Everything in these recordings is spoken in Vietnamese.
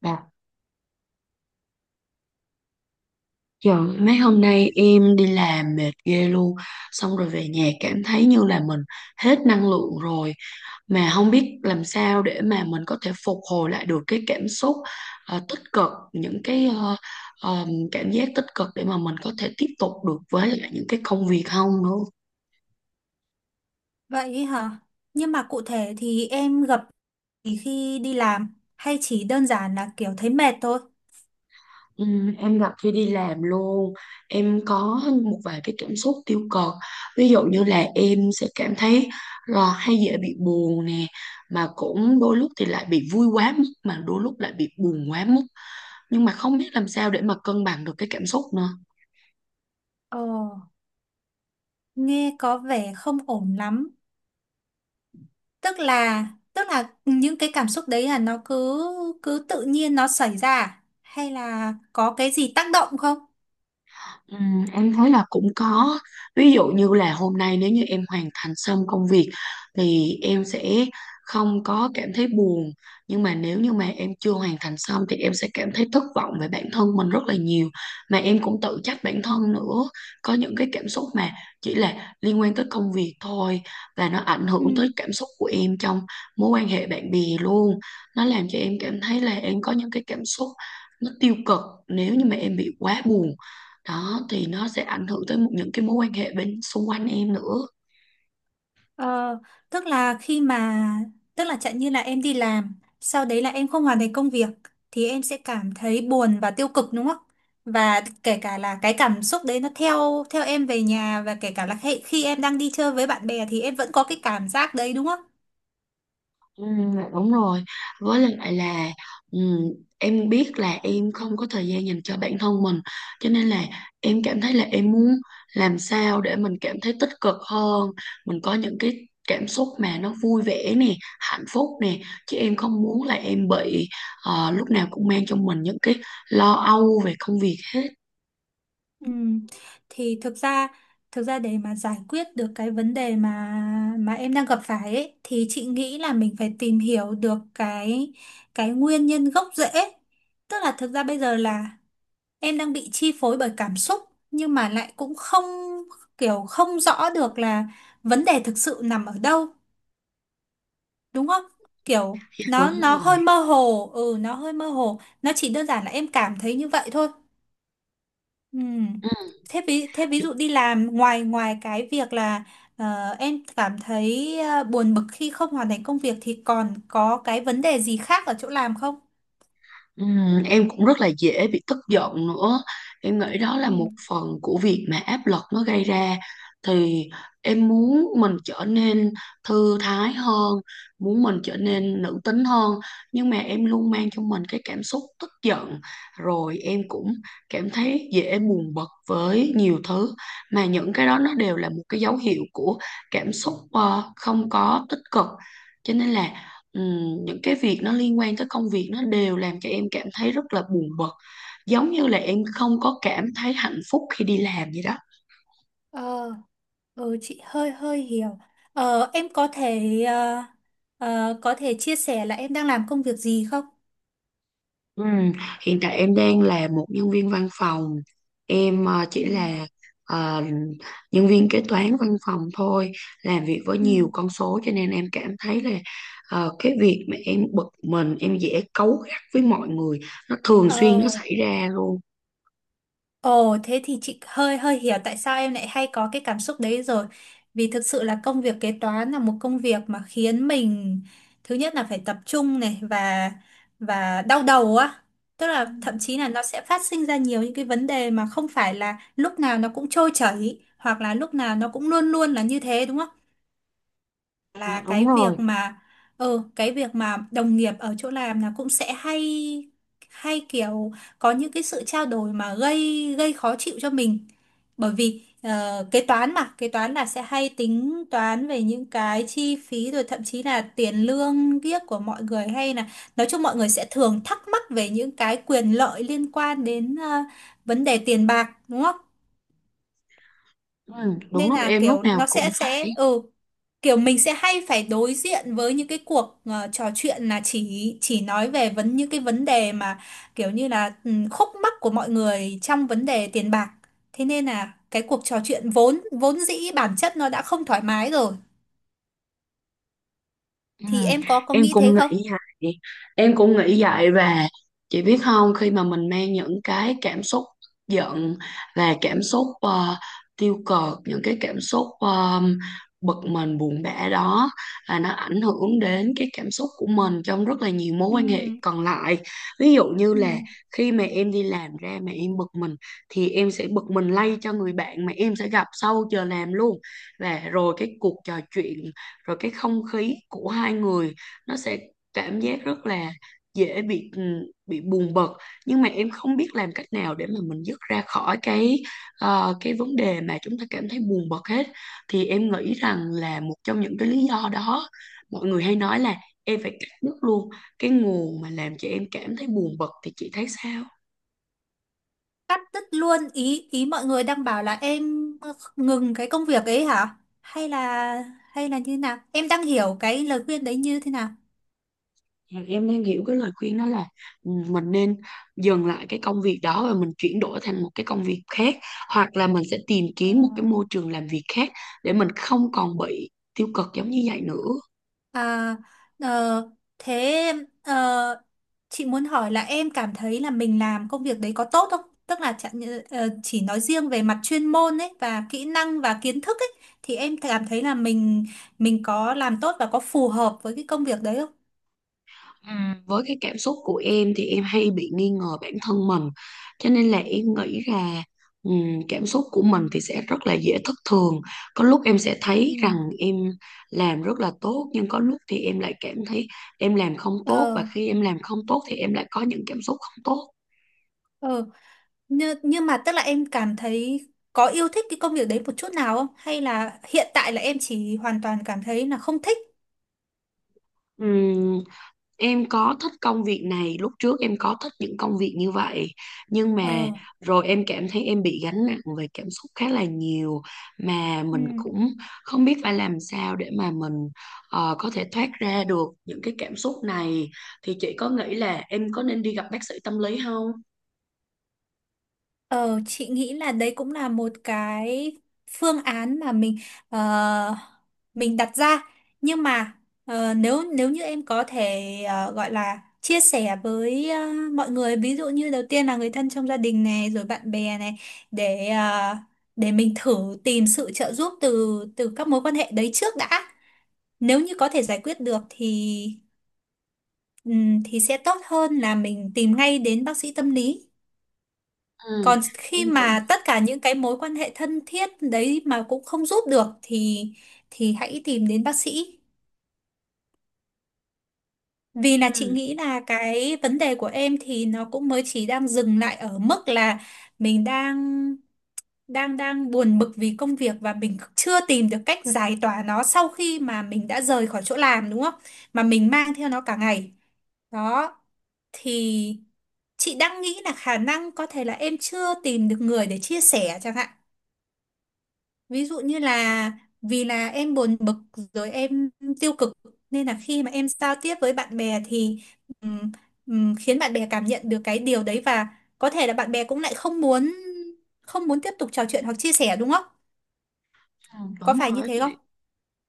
Dạ. Trời, mấy hôm nay em đi làm mệt ghê luôn. Xong rồi về nhà cảm thấy như là mình hết năng lượng rồi. Mà không biết làm sao để mà mình có thể phục hồi lại được cái cảm xúc tích cực. Những cái cảm giác tích cực để mà mình có thể tiếp tục được với lại những cái công việc không nữa. Vậy hả? Nhưng mà cụ thể thì em gặp thì khi đi làm hay chỉ đơn giản là kiểu thấy mệt thôi? Ừ, em gặp khi đi làm luôn, em có một vài cái cảm xúc tiêu cực, ví dụ như là em sẽ cảm thấy là hay dễ bị buồn nè, mà cũng đôi lúc thì lại bị vui quá mức, mà đôi lúc lại bị buồn quá mức, nhưng mà không biết làm sao để mà cân bằng được cái cảm xúc nữa. Ờ, Nghe có vẻ không ổn lắm. Tức là tức là những cái cảm xúc đấy là nó cứ cứ tự nhiên nó xảy ra à? Hay là có cái gì tác động không? Ừ, em thấy là cũng có, ví dụ như là hôm nay nếu như em hoàn thành xong công việc thì em sẽ không có cảm thấy buồn, nhưng mà nếu như mà em chưa hoàn thành xong thì em sẽ cảm thấy thất vọng về bản thân mình rất là nhiều, mà em cũng tự trách bản thân nữa. Có những cái cảm xúc mà chỉ là liên quan tới công việc thôi, và nó ảnh Ừ. hưởng tới cảm xúc của em trong mối quan hệ bạn bè luôn. Nó làm cho em cảm thấy là em có những cái cảm xúc nó tiêu cực, nếu như mà em bị quá buồn đó thì nó sẽ ảnh hưởng tới một những cái mối quan hệ bên xung quanh em nữa. Ờ, tức là khi mà Tức là chẳng như là em đi làm, sau đấy là em không hoàn thành công việc thì em sẽ cảm thấy buồn và tiêu cực đúng không? Và kể cả là cái cảm xúc đấy nó theo theo em về nhà và kể cả là khi em đang đi chơi với bạn bè thì em vẫn có cái cảm giác đấy đúng không? ừ, Đúng rồi, với lại là, ừ, em biết là em không có thời gian dành cho bản thân mình, cho nên là em cảm thấy là em muốn làm sao để mình cảm thấy tích cực hơn, mình có những cái cảm xúc mà nó vui vẻ nè, hạnh phúc nè, chứ em không muốn là em bị lúc nào cũng mang trong mình những cái lo âu về công việc hết. Ừ. Thì thực ra để mà giải quyết được cái vấn đề mà em đang gặp phải ấy, thì chị nghĩ là mình phải tìm hiểu được cái nguyên nhân gốc rễ. Tức là thực ra bây giờ là em đang bị chi phối bởi cảm xúc, nhưng mà lại cũng không, kiểu không rõ được là vấn đề thực sự nằm ở đâu đúng không, kiểu Dạ, đúng nó rồi. hơi mơ hồ. Ừ, nó hơi mơ hồ, nó chỉ đơn giản là em cảm thấy như vậy thôi. Ừ. Ừ. Thế ví dụ đi làm, ngoài ngoài cái việc là em cảm thấy buồn bực khi không hoàn thành công việc thì còn có cái vấn đề gì khác ở chỗ làm không? Em cũng rất là dễ bị tức giận nữa, em nghĩ đó là một Ừ. phần của việc mà áp lực nó gây ra. Thì em muốn mình trở nên thư thái hơn, muốn mình trở nên nữ tính hơn, nhưng mà em luôn mang trong mình cái cảm xúc tức giận, rồi em cũng cảm thấy dễ buồn bực với nhiều thứ, mà những cái đó nó đều là một cái dấu hiệu của cảm xúc không có tích cực. Cho nên là, những cái việc nó liên quan tới công việc nó đều làm cho em cảm thấy rất là buồn bực, giống như là em không có cảm thấy hạnh phúc khi đi làm vậy đó. Ờ. Ừ, chị hơi hơi hiểu. Em có thể có thể chia sẻ là em đang làm công việc gì không? Ừm, Hiện tại em đang là một nhân viên văn phòng, em Ừ. chỉ là ờ, nhân viên kế toán văn phòng thôi, làm việc với Ừ. nhiều con số, cho nên em cảm thấy là cái việc mà em bực mình, em dễ cáu gắt với mọi người, nó thường xuyên nó Ờ, xảy ra luôn. Ồ, thế thì chị hơi hơi hiểu tại sao em lại hay có cái cảm xúc đấy rồi. Vì thực sự là công việc kế toán là một công việc mà khiến mình, thứ nhất là phải tập trung này, và đau đầu á. Tức là thậm chí là nó sẽ phát sinh ra nhiều những cái vấn đề mà không phải là lúc nào nó cũng trôi chảy, hoặc là lúc nào nó cũng luôn luôn là như thế đúng không? Là Dạ, đúng cái việc rồi. mà ừ Cái việc mà đồng nghiệp ở chỗ làm là cũng sẽ hay hay kiểu có những cái sự trao đổi mà gây gây khó chịu cho mình, bởi vì kế toán là sẽ hay tính toán về những cái chi phí, rồi thậm chí là tiền lương kiếc của mọi người, hay là nói chung mọi người sẽ thường thắc mắc về những cái quyền lợi liên quan đến vấn đề tiền bạc đúng không? Đúng Nên rồi, là em lúc kiểu nào nó cũng sẽ phải. ừ kiểu mình sẽ hay phải đối diện với những cái cuộc trò chuyện là chỉ nói về những cái vấn đề mà kiểu như là khúc mắc của mọi người trong vấn đề tiền bạc. Thế nên là cái cuộc trò chuyện vốn vốn dĩ bản chất nó đã không thoải mái rồi. Ừ, Thì em có em nghĩ cũng thế không? nghĩ vậy em cũng nghĩ vậy và chị biết không, khi mà mình mang những cái cảm xúc giận và cảm xúc tiêu cực, những cái cảm xúc bực mình buồn bã đó, là nó ảnh hưởng đến cái cảm xúc của mình trong rất là nhiều mối Ừ, quan hệ còn lại. Ví dụ như là ừ. khi mà em đi làm ra mà em bực mình thì em sẽ bực mình lay cho người bạn mà em sẽ gặp sau giờ làm luôn, và rồi cái cuộc trò chuyện, rồi cái không khí của hai người, nó sẽ cảm giác rất là dễ bị bị buồn bực, nhưng mà em không biết làm cách nào để mà mình dứt ra khỏi cái cái vấn đề mà chúng ta cảm thấy buồn bực hết. Thì em nghĩ rằng là một trong những cái lý do đó, mọi người hay nói là em phải cắt đứt luôn cái nguồn mà làm cho em cảm thấy buồn bực, thì chị thấy sao? Cắt đứt luôn, ý ý mọi người đang bảo là em ngừng cái công việc ấy hả? Hay là như nào? Em đang hiểu cái lời khuyên đấy như thế Dạ, em đang hiểu cái lời khuyên đó là mình nên dừng lại cái công việc đó và mình chuyển đổi thành một cái công việc khác, hoặc là mình sẽ tìm kiếm một cái nào? môi trường làm việc khác để mình không còn bị tiêu cực giống như vậy nữa. À, ờ, thế ờ, chị muốn hỏi là em cảm thấy là mình làm công việc đấy có tốt không? Tức là chẳng như- ờ, chỉ nói riêng về mặt chuyên môn ấy và kỹ năng và kiến thức ấy, thì em cảm thấy là mình có làm tốt và có phù hợp với cái công việc đấy không? À, với cái cảm xúc của em thì em hay bị nghi ngờ bản thân mình, cho nên là em nghĩ là cảm xúc của mình thì sẽ rất là dễ thất thường, có lúc em sẽ Ừ. thấy rằng em làm rất là tốt, nhưng có lúc thì em lại cảm thấy em làm không tốt, và Ờ, khi em làm không tốt thì em lại có những cảm xúc không ờ, nhưng mà tức là em cảm thấy có yêu thích cái công việc đấy một chút nào không? Hay là hiện tại là em chỉ hoàn toàn cảm thấy là không thích? tốt. Em có thích công việc này, lúc trước em có thích những công việc như vậy, nhưng mà Ờ. rồi em cảm thấy em bị gánh nặng về cảm xúc khá là nhiều, mà Ừ. mình cũng không biết phải làm sao để mà mình có thể thoát ra được những cái cảm xúc này. Thì chị có nghĩ là em có nên đi gặp bác sĩ tâm lý không? Ờ, chị nghĩ là đấy cũng là một cái phương án mà ờ, mình đặt ra, nhưng mà nếu nếu như em có thể gọi là chia sẻ với mọi người, ví dụ như đầu tiên là người thân trong gia đình này, rồi bạn bè này, để ờ, để mình thử tìm sự trợ giúp từ từ các mối quan hệ đấy trước đã. Nếu như có thể giải quyết được thì sẽ tốt hơn là mình tìm ngay đến bác sĩ tâm lý. Ừ, Còn khi em cũng mà tất cả những cái mối quan hệ thân thiết đấy mà cũng không giúp được thì hãy tìm đến bác sĩ. Vì là ừ, chị nghĩ là cái vấn đề của em thì nó cũng mới chỉ đang dừng lại ở mức là mình đang đang đang buồn bực vì công việc và mình chưa tìm được cách giải tỏa nó sau khi mà mình đã rời khỏi chỗ làm đúng không? Mà mình mang theo nó cả ngày. Đó, thì chị đang nghĩ là khả năng có thể là em chưa tìm được người để chia sẻ chẳng hạn. Ví dụ như là vì là em buồn bực rồi em tiêu cực, nên là khi mà em giao tiếp với bạn bè thì ừm, khiến bạn bè cảm nhận được cái điều đấy, và có thể là bạn bè cũng lại không muốn tiếp tục trò chuyện hoặc chia sẻ đúng không? ừ, Có đúng phải rồi như đó thế không? chị,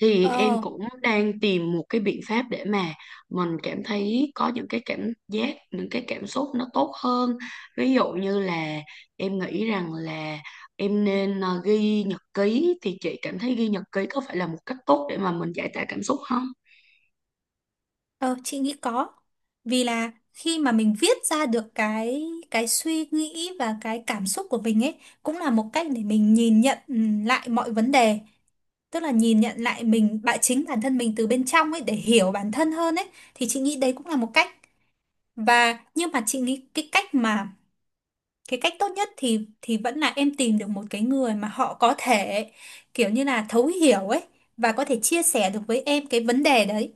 thì em Ờ, cũng đang tìm một cái biện pháp để mà mình cảm thấy có những cái cảm giác, những cái cảm xúc nó tốt hơn, ví dụ như là em nghĩ rằng là em nên ghi nhật ký. Thì chị cảm thấy ghi nhật ký có phải là một cách tốt để mà mình giải tỏa cảm xúc không? ờ chị nghĩ có. Vì là khi mà mình viết ra được cái suy nghĩ và cái cảm xúc của mình ấy, cũng là một cách để mình nhìn nhận lại mọi vấn đề, tức là nhìn nhận lại mình bạn chính bản thân mình từ bên trong ấy để hiểu bản thân hơn ấy, thì chị nghĩ đấy cũng là một cách. Và nhưng mà chị nghĩ cái cách tốt nhất thì vẫn là em tìm được một cái người mà họ có thể kiểu như là thấu hiểu ấy, và có thể chia sẻ được với em cái vấn đề đấy,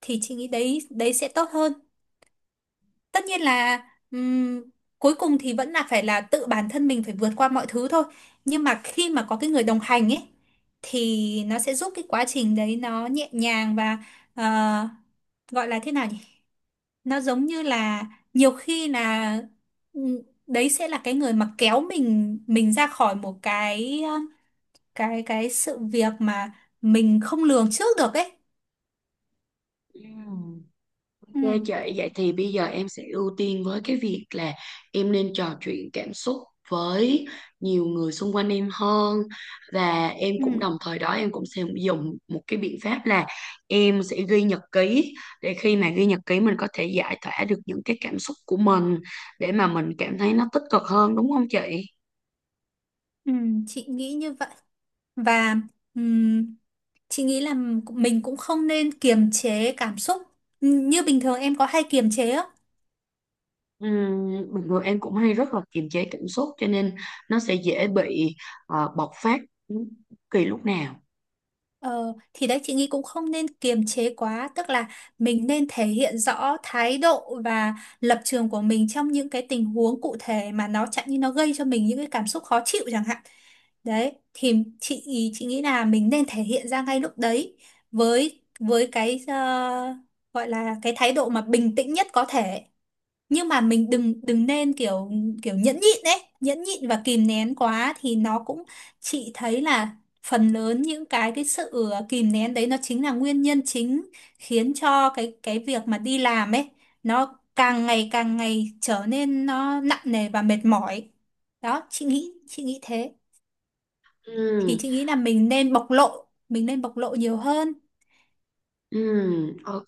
thì chị nghĩ đấy đấy sẽ tốt hơn. Tất nhiên là ừm, cuối cùng thì vẫn là phải là tự bản thân mình phải vượt qua mọi thứ thôi, nhưng mà khi mà có cái người đồng hành ấy thì nó sẽ giúp cái quá trình đấy nó nhẹ nhàng, và ờ, gọi là thế nào nhỉ, nó giống như là nhiều khi là ừm, đấy sẽ là cái người mà kéo mình ra khỏi một cái sự việc mà mình không lường trước được ấy. Ừ. Ok chị, Ừ. vậy thì bây giờ em sẽ ưu tiên với cái việc là em nên trò chuyện cảm xúc với nhiều người xung quanh em hơn, và em cũng đồng Ừ. thời đó, em cũng sẽ dùng một cái biện pháp là em sẽ ghi nhật ký, để khi mà ghi nhật ký mình có thể giải tỏa được những cái cảm xúc của mình, để mà mình cảm thấy nó tích cực hơn, đúng không chị? Ừ, chị nghĩ như vậy. Và chị nghĩ là mình cũng không nên kiềm chế cảm xúc. Như bình thường em có hay kiềm chế á. Bình thường em cũng hay rất là kiềm chế cảm xúc, cho nên nó sẽ dễ bị bộc phát bất kỳ lúc nào. Ờ, thì đấy chị nghĩ cũng không nên kiềm chế quá, tức là mình nên thể hiện rõ thái độ và lập trường của mình trong những cái tình huống cụ thể mà nó chẳng như nó gây cho mình những cái cảm xúc khó chịu chẳng hạn. Đấy, thì chị chị nghĩ là mình nên thể hiện ra ngay lúc đấy với cái gọi là cái thái độ mà bình tĩnh nhất có thể. Nhưng mà mình đừng đừng nên kiểu kiểu nhẫn nhịn và kìm nén quá thì nó cũng, chị thấy là phần lớn những cái sự kìm nén đấy nó chính là nguyên nhân chính, khiến cho cái việc mà đi làm ấy nó càng ngày càng trở nên nó nặng nề và mệt mỏi. Đó, chị nghĩ thế. Thì Ừm. chị nghĩ là mình nên bộc lộ nhiều hơn. Ok,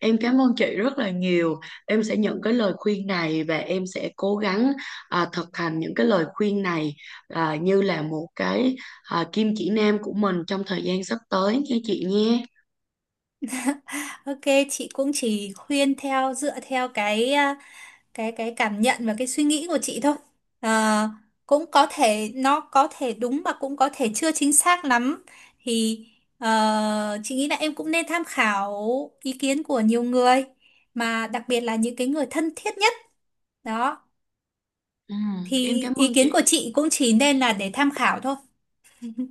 em cảm ơn chị rất là nhiều. Em sẽ nhận cái lời khuyên này và em sẽ cố gắng, à, thực hành những cái lời khuyên này, à, như là một cái, à, kim chỉ nam của mình trong thời gian sắp tới nha chị nhé. Ok, chị cũng chỉ khuyên dựa theo cái cảm nhận và cái suy nghĩ của chị thôi. Ờ, Cũng có thể nó có thể đúng và cũng có thể chưa chính xác lắm, thì chị nghĩ là em cũng nên tham khảo ý kiến của nhiều người, mà đặc biệt là những cái người thân thiết nhất. Đó, Em thì cảm ý ơn kiến của chị. chị cũng chỉ nên là để tham khảo thôi.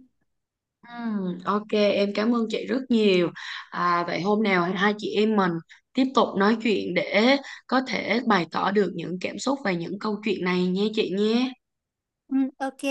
Ok, em cảm ơn chị rất nhiều. À, vậy hôm nào hai chị em mình tiếp tục nói chuyện để có thể bày tỏ được những cảm xúc và những câu chuyện này nha chị nhé. Ừ, ok.